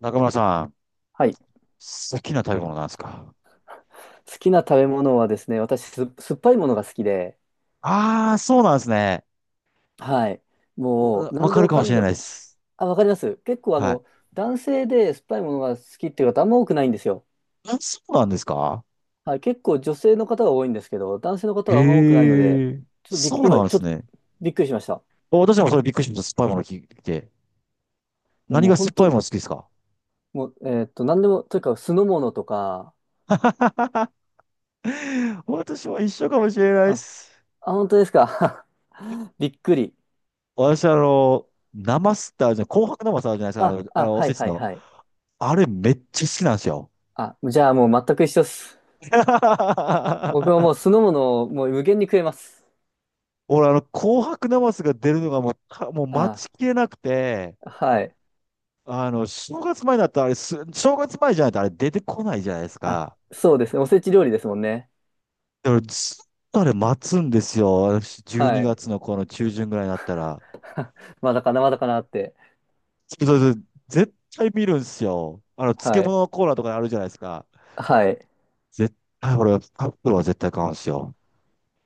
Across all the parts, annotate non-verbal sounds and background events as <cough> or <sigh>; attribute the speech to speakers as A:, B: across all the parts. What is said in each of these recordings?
A: 中村さん、
B: はい。
A: 好きな食べ物なんですか？
B: 好きな食べ物はですね、私、酸っぱいものが好きで、
A: ああー、そうなんですね。
B: はい。も
A: わ
B: う、
A: わ
B: 何で
A: かる
B: も
A: か
B: か
A: もし
B: ん
A: れ
B: で
A: ない
B: も、
A: です。
B: あ、わかります。結構、
A: はい。
B: 男性で酸っぱいものが好きっていう方、あんま多くないんですよ。
A: あ、そうなんですか？
B: はい。結構、女性の方が多いんですけど、男性の方はあんま多くないので、
A: へえ、
B: ちょっとびっ、
A: そうな
B: 今、
A: んで
B: ちょっ
A: す
B: と
A: ね。
B: びっくりしました。
A: 私もそれびっくりしました。酸っぱいもの聞いて。
B: いや、
A: 何
B: もう、
A: が酸
B: 本
A: っぱい
B: 当、
A: もの好きですか？
B: もう、何でも、というか、酢の物とか、
A: <laughs> 私も一緒かもしれない
B: あ、
A: です。
B: あ、本当ですか。<laughs> びっくり。
A: 私、生スってあるじゃん、紅白生スあるじゃない
B: あ、
A: ですか。あ
B: あ、
A: の、あのお
B: はい
A: せち
B: はい
A: の。
B: はい。
A: あれめっちゃ好きなんですよ。
B: あ、じゃあ、もう、全く一緒です。僕は
A: <laughs>
B: もう酢の物をもう無限に食えます。
A: 俺、あの、紅白ナマスが出るのがもう、もう待ち
B: あ、
A: きれなくて、
B: はい。
A: あの、正月前だったらあれす、正月前じゃないとあれ出てこないじゃないです
B: あ、
A: か。
B: そうですね。おせち料理ですもんね。
A: だからずっとあれ待つんですよ。私、12
B: はい。
A: 月のこの中旬ぐらいになったら。
B: <laughs> まだかな、まだかなって。
A: そうそうそう。絶対見るんですよ。あの、漬
B: はい。
A: 物のコーナーとかあるじゃないですか。
B: はい。
A: 絶対、俺、カップルは絶対買うんですよ。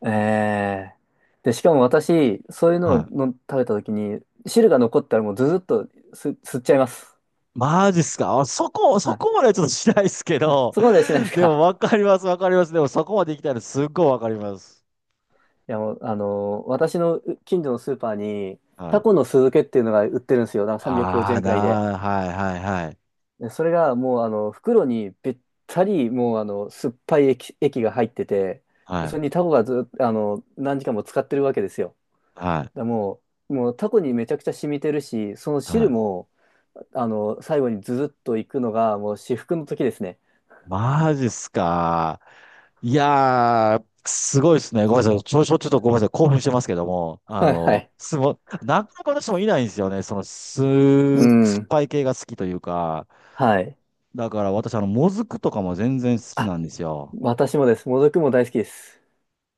B: ええ。で、しかも私、そういうのを
A: はい。
B: の食べた時に、汁が残ったらもうずずっと吸っちゃいます。
A: マジっすか。あ、
B: は
A: そ
B: い。
A: こまではちょっとしないですけ
B: あ、
A: ど、
B: そこまではしないです
A: でも
B: か。
A: わかります、わかります。でもそこまで行きたいのすっごいわかります。
B: <laughs> いや、もう、私の近所のスーパーに、
A: は
B: タ
A: い。
B: コの酢漬けっていうのが売ってるんですよ。なんか350円くごじ
A: あ
B: ゅうえ
A: あ、
B: んくらいで。
A: なあ、はいはいはい。
B: でそれがもうあの袋にべったりもうあの酸っぱい液が入ってて、で
A: は
B: そ
A: い、
B: れにタコがずっと何時間も使ってるわけですよ。
A: はい、
B: だからもうタコにめちゃくちゃ染みてるし、その
A: は
B: 汁
A: い。
B: も最後にズズッといくのがもう至福の時ですね。
A: マジっすか。いやー、すごいですね。ごめんなさい。ちょっとごめんなさい。興奮してますけども、
B: <laughs> はいはい。
A: なかなか私もいないんですよね。
B: う
A: 酸っ
B: ん。
A: ぱい系が好きというか。
B: はい。
A: だから私、あの、もずくとかも全然好きな
B: あ、
A: んですよ。
B: 私もです。もずくも大好きです。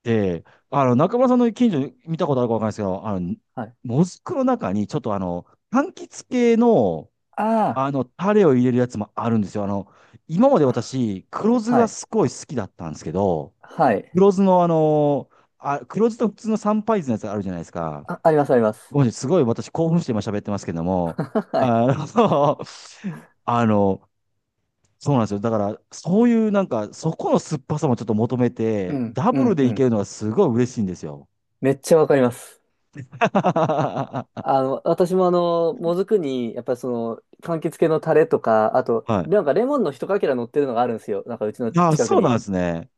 A: で、あの、中村さんの近所に見たことあるかわかんないですけど、あの、
B: はい。
A: もずくの中に、ちょっとあの、柑橘系の、
B: ああ、
A: あの、タレを入れるやつもあるんですよ。あの、今まで私、黒酢
B: は
A: が
B: い。
A: すごい好きだったんですけど、
B: はい。
A: 黒酢のあの、黒酢と普通の三杯酢のやつあるじゃないですか。
B: あ、ありますあります。
A: ごめんなさい、すごい私興奮して今喋ってますけども、
B: <laughs> はい。
A: あの、<laughs> あの、そうなんですよ。だから、そういうなんか、そこの酸っぱさもちょっと求め
B: う
A: て、
B: ん、
A: ダ
B: う
A: ブル
B: ん、
A: で
B: う
A: いけ
B: ん。
A: るのはすごい嬉しいんですよ。
B: めっちゃわかります。
A: <laughs> は
B: 私ももずくに、やっぱりその、柑橘系のタレとか、あと、
A: い。
B: なんかレモンの一かけら乗ってるのがあるんですよ。なんかうちの
A: あ、
B: 近く
A: そうなん
B: に。
A: ですね。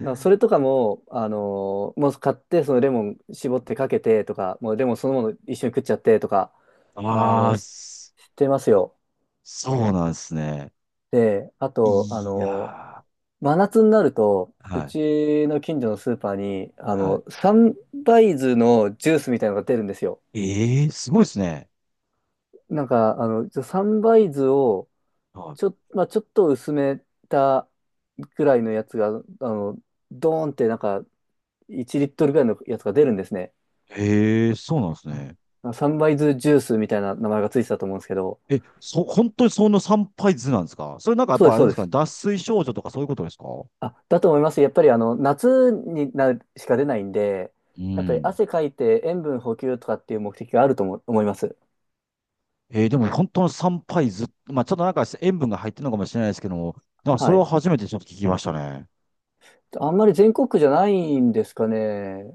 B: なんかそれとかも、もう買って、そのレモン絞ってかけてとか、もうレモンそのもの一緒に食っちゃってとか、あ
A: あ
B: の、
A: あ、
B: し
A: そ
B: してますよ。
A: そうなんですね。
B: で、あと、
A: いやー。
B: 真夏になると、
A: は
B: う
A: い。
B: ちの近所のスーパーに、
A: は
B: サンバイズのジュースみたいなのが出るんですよ。
A: い。ええすごいですね。
B: なんか、サンバイズを、
A: は
B: まあ、ちょっと薄めたぐらいのやつが、の、ドーンってなんか1リットルぐらいのやつが出るんですね。
A: い。ええそうなんですね。
B: あサンバイズジュースみたいな名前がついてたと思うんですけど、
A: え、本当にその参拝図なんですか？それなんかやっ
B: そうで
A: ぱ
B: す、
A: あれ
B: そう
A: で
B: で
A: すかね、
B: す。
A: 脱水症状とかそういうことですか？
B: あ、だと思います。やっぱり夏になるしか出ないんで、
A: う
B: やっぱり
A: ん。
B: 汗かいて塩分補給とかっていう目的があると思います。
A: えー、でも本当の参拝図、まあちょっとなんか塩分が入ってるのかもしれないですけども、なんかそ
B: は
A: れは
B: い。
A: 初めてちょっと聞きましたね。
B: あんまり全国区じゃないんですかね。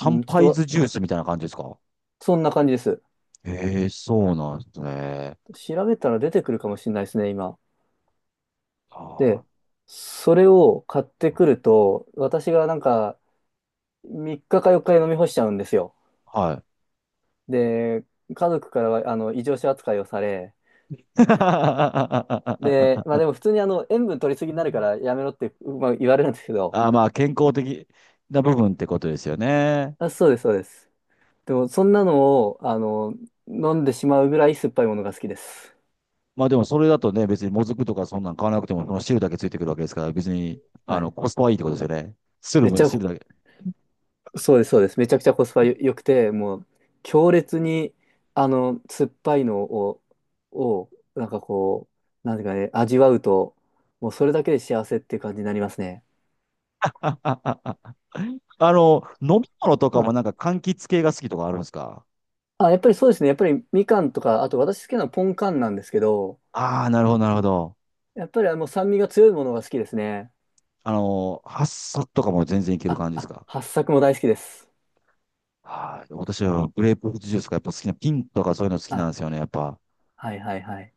B: うん、ち
A: 拝
B: ょっ
A: 図ジュー
B: と、
A: スみたいな感じですか？
B: そんな感じです。
A: ええそうなんですね。
B: 調べたら出てくるかもしれないですね、今。
A: あー
B: で、それを買ってくると、私がなんか3日か4日で飲み干しちゃうんですよ。
A: はい。
B: で、家族からはあの異常者扱いをされ、で、まあ
A: <laughs>
B: でも普通に塩分取りすぎになるからやめろって、まあ、言われるんですけど、
A: あー、まあ健康的な部分ってことですよね。
B: あ、そうです、そうです。でもそんなのを飲んでしまうぐらい酸っぱいものが好きです。
A: まあでもそれだとね、別にもずくとかそんなん買わなくても、この汁だけついてくるわけですから、別に、あ
B: は
A: の、
B: い。
A: コスパはいいってことですよね。
B: めっちゃ
A: 汁だけ。
B: そうです、そうです。めちゃくちゃコスパ良くて、もう強烈に、酸っぱいのを、を、なんかこう、なんていうかね、味わうと、もうそれだけで幸せっていう感じになりますね。
A: あ、あ、あ、あ。あの、飲み物とか
B: あ、
A: もなんか柑橘系が好きとかあるんですか？
B: あ、やっぱりそうですね。やっぱりみかんとか、あと私好きなのはポンカンなんですけど、
A: ああー、なるほど、なるほど。
B: やっぱりあの酸味が強いものが好きですね。
A: あの、ハッサとかも全然いける
B: あ、
A: 感じです
B: あ、
A: か？
B: 八朔も大好きです。
A: はい。私はグレープフルーツジュースがやっぱ好きな、ピンとかそういうの好きなん
B: あ、
A: ですよね、やっぱ。
B: はいはいはい。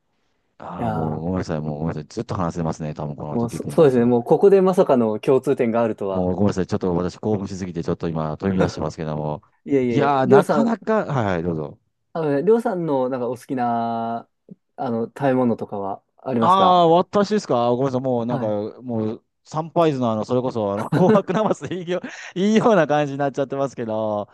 B: い
A: あ
B: や
A: あ、もう
B: ー、
A: ごめんなさい、もうごめんなさい。ずっと話せますね、多分この
B: も
A: ト
B: う
A: ピック
B: そ、
A: に
B: そう
A: 関
B: で
A: し
B: す
A: て
B: ね。
A: は。
B: もうここでまさかの共通点があるとは。
A: もうごめんなさい。ちょっと私興奮しすぎて、ちょっと今、飛び出して
B: <laughs>
A: ますけども。
B: いえい
A: い
B: え、
A: やー、
B: りょう
A: な
B: さ
A: か
B: ん、
A: なか、はいはい、どうぞ。
B: あのね、りょうさんのなんかお好きな、食べ物とかはあり
A: あ
B: ますか？
A: あ、私ですか？ごめんなさい。もうなん
B: は
A: か、
B: い。
A: もう、サンパイズのあの、それこそ、あの、<laughs> 紅白なますでいいよ、<laughs> いいような感じになっちゃってますけど。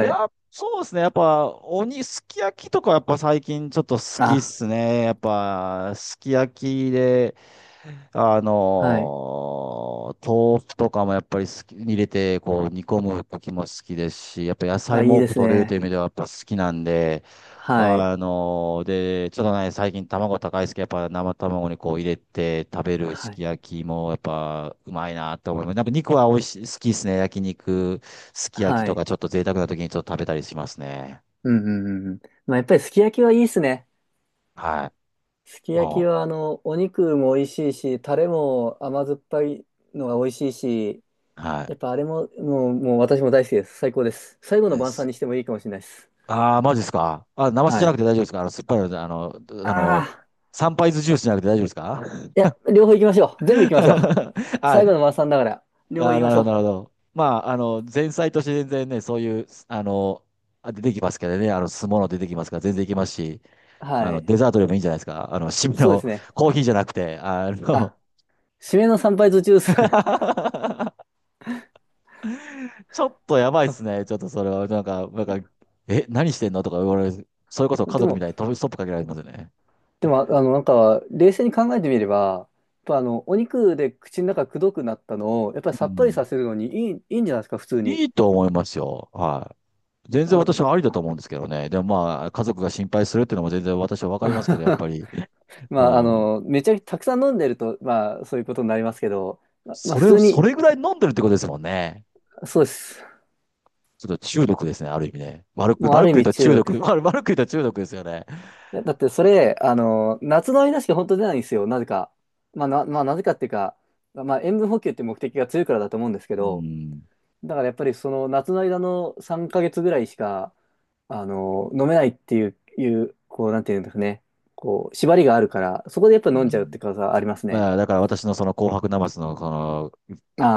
A: い
B: い。
A: や、そうですね。やっぱ、すき焼きとか、やっぱ最近ちょっと好きっ
B: あ、
A: すね。やっぱ、すき焼きで、あ
B: はい。
A: のー豆腐とかもやっぱり好き、入れて、こう、煮込む時も好きですし、やっぱ野菜
B: あ、い
A: も
B: い
A: 多
B: で
A: く
B: す
A: 取れるという
B: ね。
A: 意味ではやっぱ好きなんで、
B: はい。
A: あのーで、ちょっとね、最近卵高いですけど、やっぱ生卵にこう入れて食べるす
B: はい。
A: き焼きもやっぱうまいなと思います。なんか肉は美味しい、好きですね。焼肉、すき焼き
B: は
A: とか
B: い。
A: ちょっと贅沢な時にちょっと食べたりしますね。
B: うんうんうんうん。まあ、やっぱりすき焼きはいいですね。
A: はい。
B: すき焼き
A: も
B: は、お肉も美味しいし、タレも甘酸っぱいのが美味しいし、
A: う、は
B: やっぱあれも、もう私も大好きです。最高です。最後
A: い。
B: の
A: で
B: 晩餐
A: す。
B: にしてもいいかもしれないです。
A: ああ、マジですか。あ、生酒じ
B: は
A: ゃなく
B: い。
A: て大丈夫ですか。あの、酸っぱいので、あの、あ
B: あ
A: の、
B: あ。
A: サンパイズジュースじゃなくて大丈夫ですか。
B: いや、両方行きましょう。全部行きましょう。
A: <laughs> あ、
B: 最後の晩餐だから、両方行き
A: な
B: ま
A: る
B: しょ
A: ほど、な
B: う。
A: るほど。まあ、あの、前菜として全然ね、そういう、あの、あ出てきますけどね、あの、酢物出てきますから、全然いけますし、あ
B: は
A: の、
B: い。
A: デザートでもいいんじゃないですか。あの、締め
B: そうで
A: の
B: すね。
A: コーヒーじゃなくて、あ
B: あ、
A: の、
B: 締めの参拝途中です。
A: <laughs> ちょっとやばいっすね。
B: <laughs>
A: ちょっとそれは、え、何してんのとか言われる。それこそ家
B: で
A: 族み
B: も、
A: たいに飛びストップかけられますよね。
B: なんか、冷静に考えてみれば、やっぱお肉で口の中くどくなったのを、やっぱり
A: う
B: さっぱり
A: ん。
B: させるのにいいんじゃないですか、普通に。
A: いいと思いますよ。はい。全然私
B: あ、
A: はありだと思うんですけどね。でもまあ、家族が心配するっていうのも全然私はわ
B: <laughs>
A: かりますけど、やっぱ
B: ま
A: り、う
B: あ、
A: ん。
B: めちゃくちゃたくさん飲んでると、まあ、そういうことになりますけど、まあ、普通
A: そ
B: に、
A: れぐらい飲んでるってことですもんね。
B: そうです。
A: ちょっと中毒ですね、ある意味ね。
B: もうあ
A: 悪
B: る
A: く
B: 意
A: 言う
B: 味
A: と
B: 中
A: 中
B: 毒。
A: 毒、<laughs> 悪く言うと中毒ですよね。
B: いや、だってそれ、夏の間しか本当出ないんですよ、なぜか。まあ、なぜかっていうか、まあ、塩分補給って目的が強いからだと思うんですけ
A: う
B: ど、
A: ん。
B: だからやっぱりその夏の間の3ヶ月ぐらいしか、飲めないっていう、こう、なんていうんですかね。こう、縛りがあるから、そこでやっぱ
A: う
B: 飲んじゃうって
A: ん。
B: ことはありますね。
A: まあ、だから私のその紅白ナマスの、その、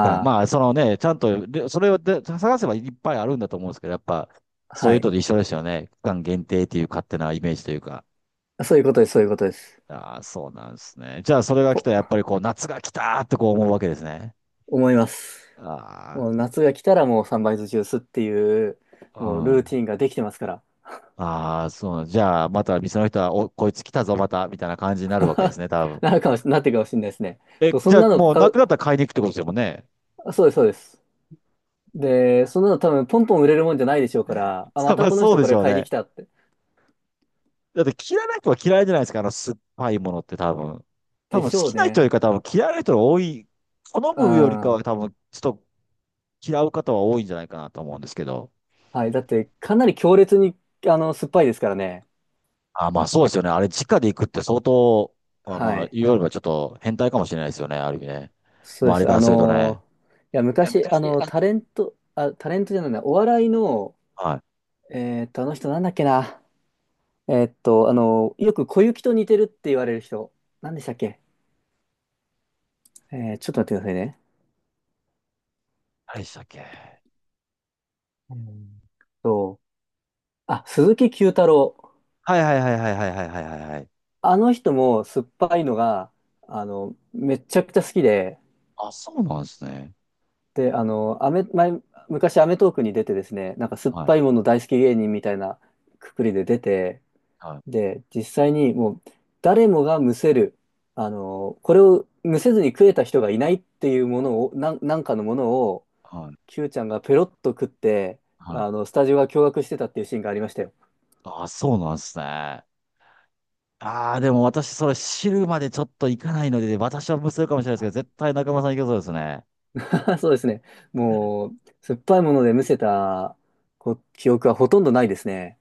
A: がまあ、そのね、ちゃんと、でそれをで探せばいっぱいあるんだと思うんですけど、やっぱ、
B: あ、
A: そう
B: は
A: いう
B: い。
A: のと一緒ですよね。期間限定っていう勝手なイメージというか。
B: そういうことです、そういうことです。
A: ああ、そうなんですね。じゃあ、それが来
B: こ、
A: たら、やっぱりこう、夏が来たーってこう思うわけですね。
B: 思います。
A: あ
B: もう夏が来たらもうサンバイズジュースっていう、
A: あ、う
B: もうル
A: ん。
B: ーティンができてますから。
A: ああ、そうじゃあ、また店の人は、お、こいつ来たぞ、また、みたいな感じになるわけです
B: <laughs>
A: ね、多分。
B: なってるかもしれないですね。そ
A: え、
B: う、そ
A: じ
B: ん
A: ゃあ、
B: なの
A: もう
B: 買
A: な
B: う、
A: くなったら買いに行くってことですもんね。
B: あそうです、そうです。で、そんなの多分ポンポン売れるもんじゃないでしょうから、あ、ま
A: <laughs> ま
B: た
A: あ、
B: この
A: そう
B: 人
A: で
B: こ
A: し
B: れ
A: ょう
B: 買いに来
A: ね。
B: たって。
A: だって、嫌いな人は嫌いじゃないですか、あの酸っぱいものって多分。多
B: で
A: 分、好
B: しょう
A: きな人
B: ね。
A: よりか多分嫌いな人が多い。好むよりか
B: あ
A: は多分、ちょっと嫌う方は多いんじゃないかなと思うんですけど。
B: あ、はい。だって、かなり強烈に、酸っぱいですからね。
A: あ、まあそうですよね。あれ、直で行くって相当、あ、
B: は
A: まあ、
B: い。
A: 言うよりはちょっと変態かもしれないですよね。ある意味ね。
B: そうで
A: 周り
B: す。
A: からするとね。
B: いや、
A: いや
B: 昔、タレント、あ、タレントじゃないな、お笑いの、
A: はい。
B: あの人なんだっけな。よく小雪と似てるって言われる人。なんでしたっけ？ちょっと待ってくださいね。
A: 何でしたっけ。
B: うんと、あ、鈴木九太郎。
A: はいはいはいはいはいはいはいはいはい。
B: あの人も酸っぱいのが、めちゃくちゃ好きで、
A: あ、そうなんですね。
B: で、アメ、前、昔アメトークに出てですね、なんか酸っ
A: は
B: ぱい
A: い
B: もの大好き芸人みたいなくくりで出て、
A: はい
B: で、実際にもう誰もがむせる、これをむせずに食えた人がいないっていうものを、なんかのものを、
A: はい
B: Q ちゃんがペロッと食って、
A: はい。
B: スタジオが驚愕してたっていうシーンがありましたよ。
A: あ、そうなんですね。ああ、でも私、それ知るまでちょっと行かないので、私は無数かもしれないですけど、
B: あ
A: 絶対中村さん行けそうですね。
B: <laughs> そうですね。もう、酸っぱいものでむせた記憶はほとんどないですね。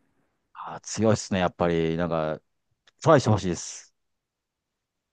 A: あー、強いですね、やっぱり。なんか、トライしてほしいです。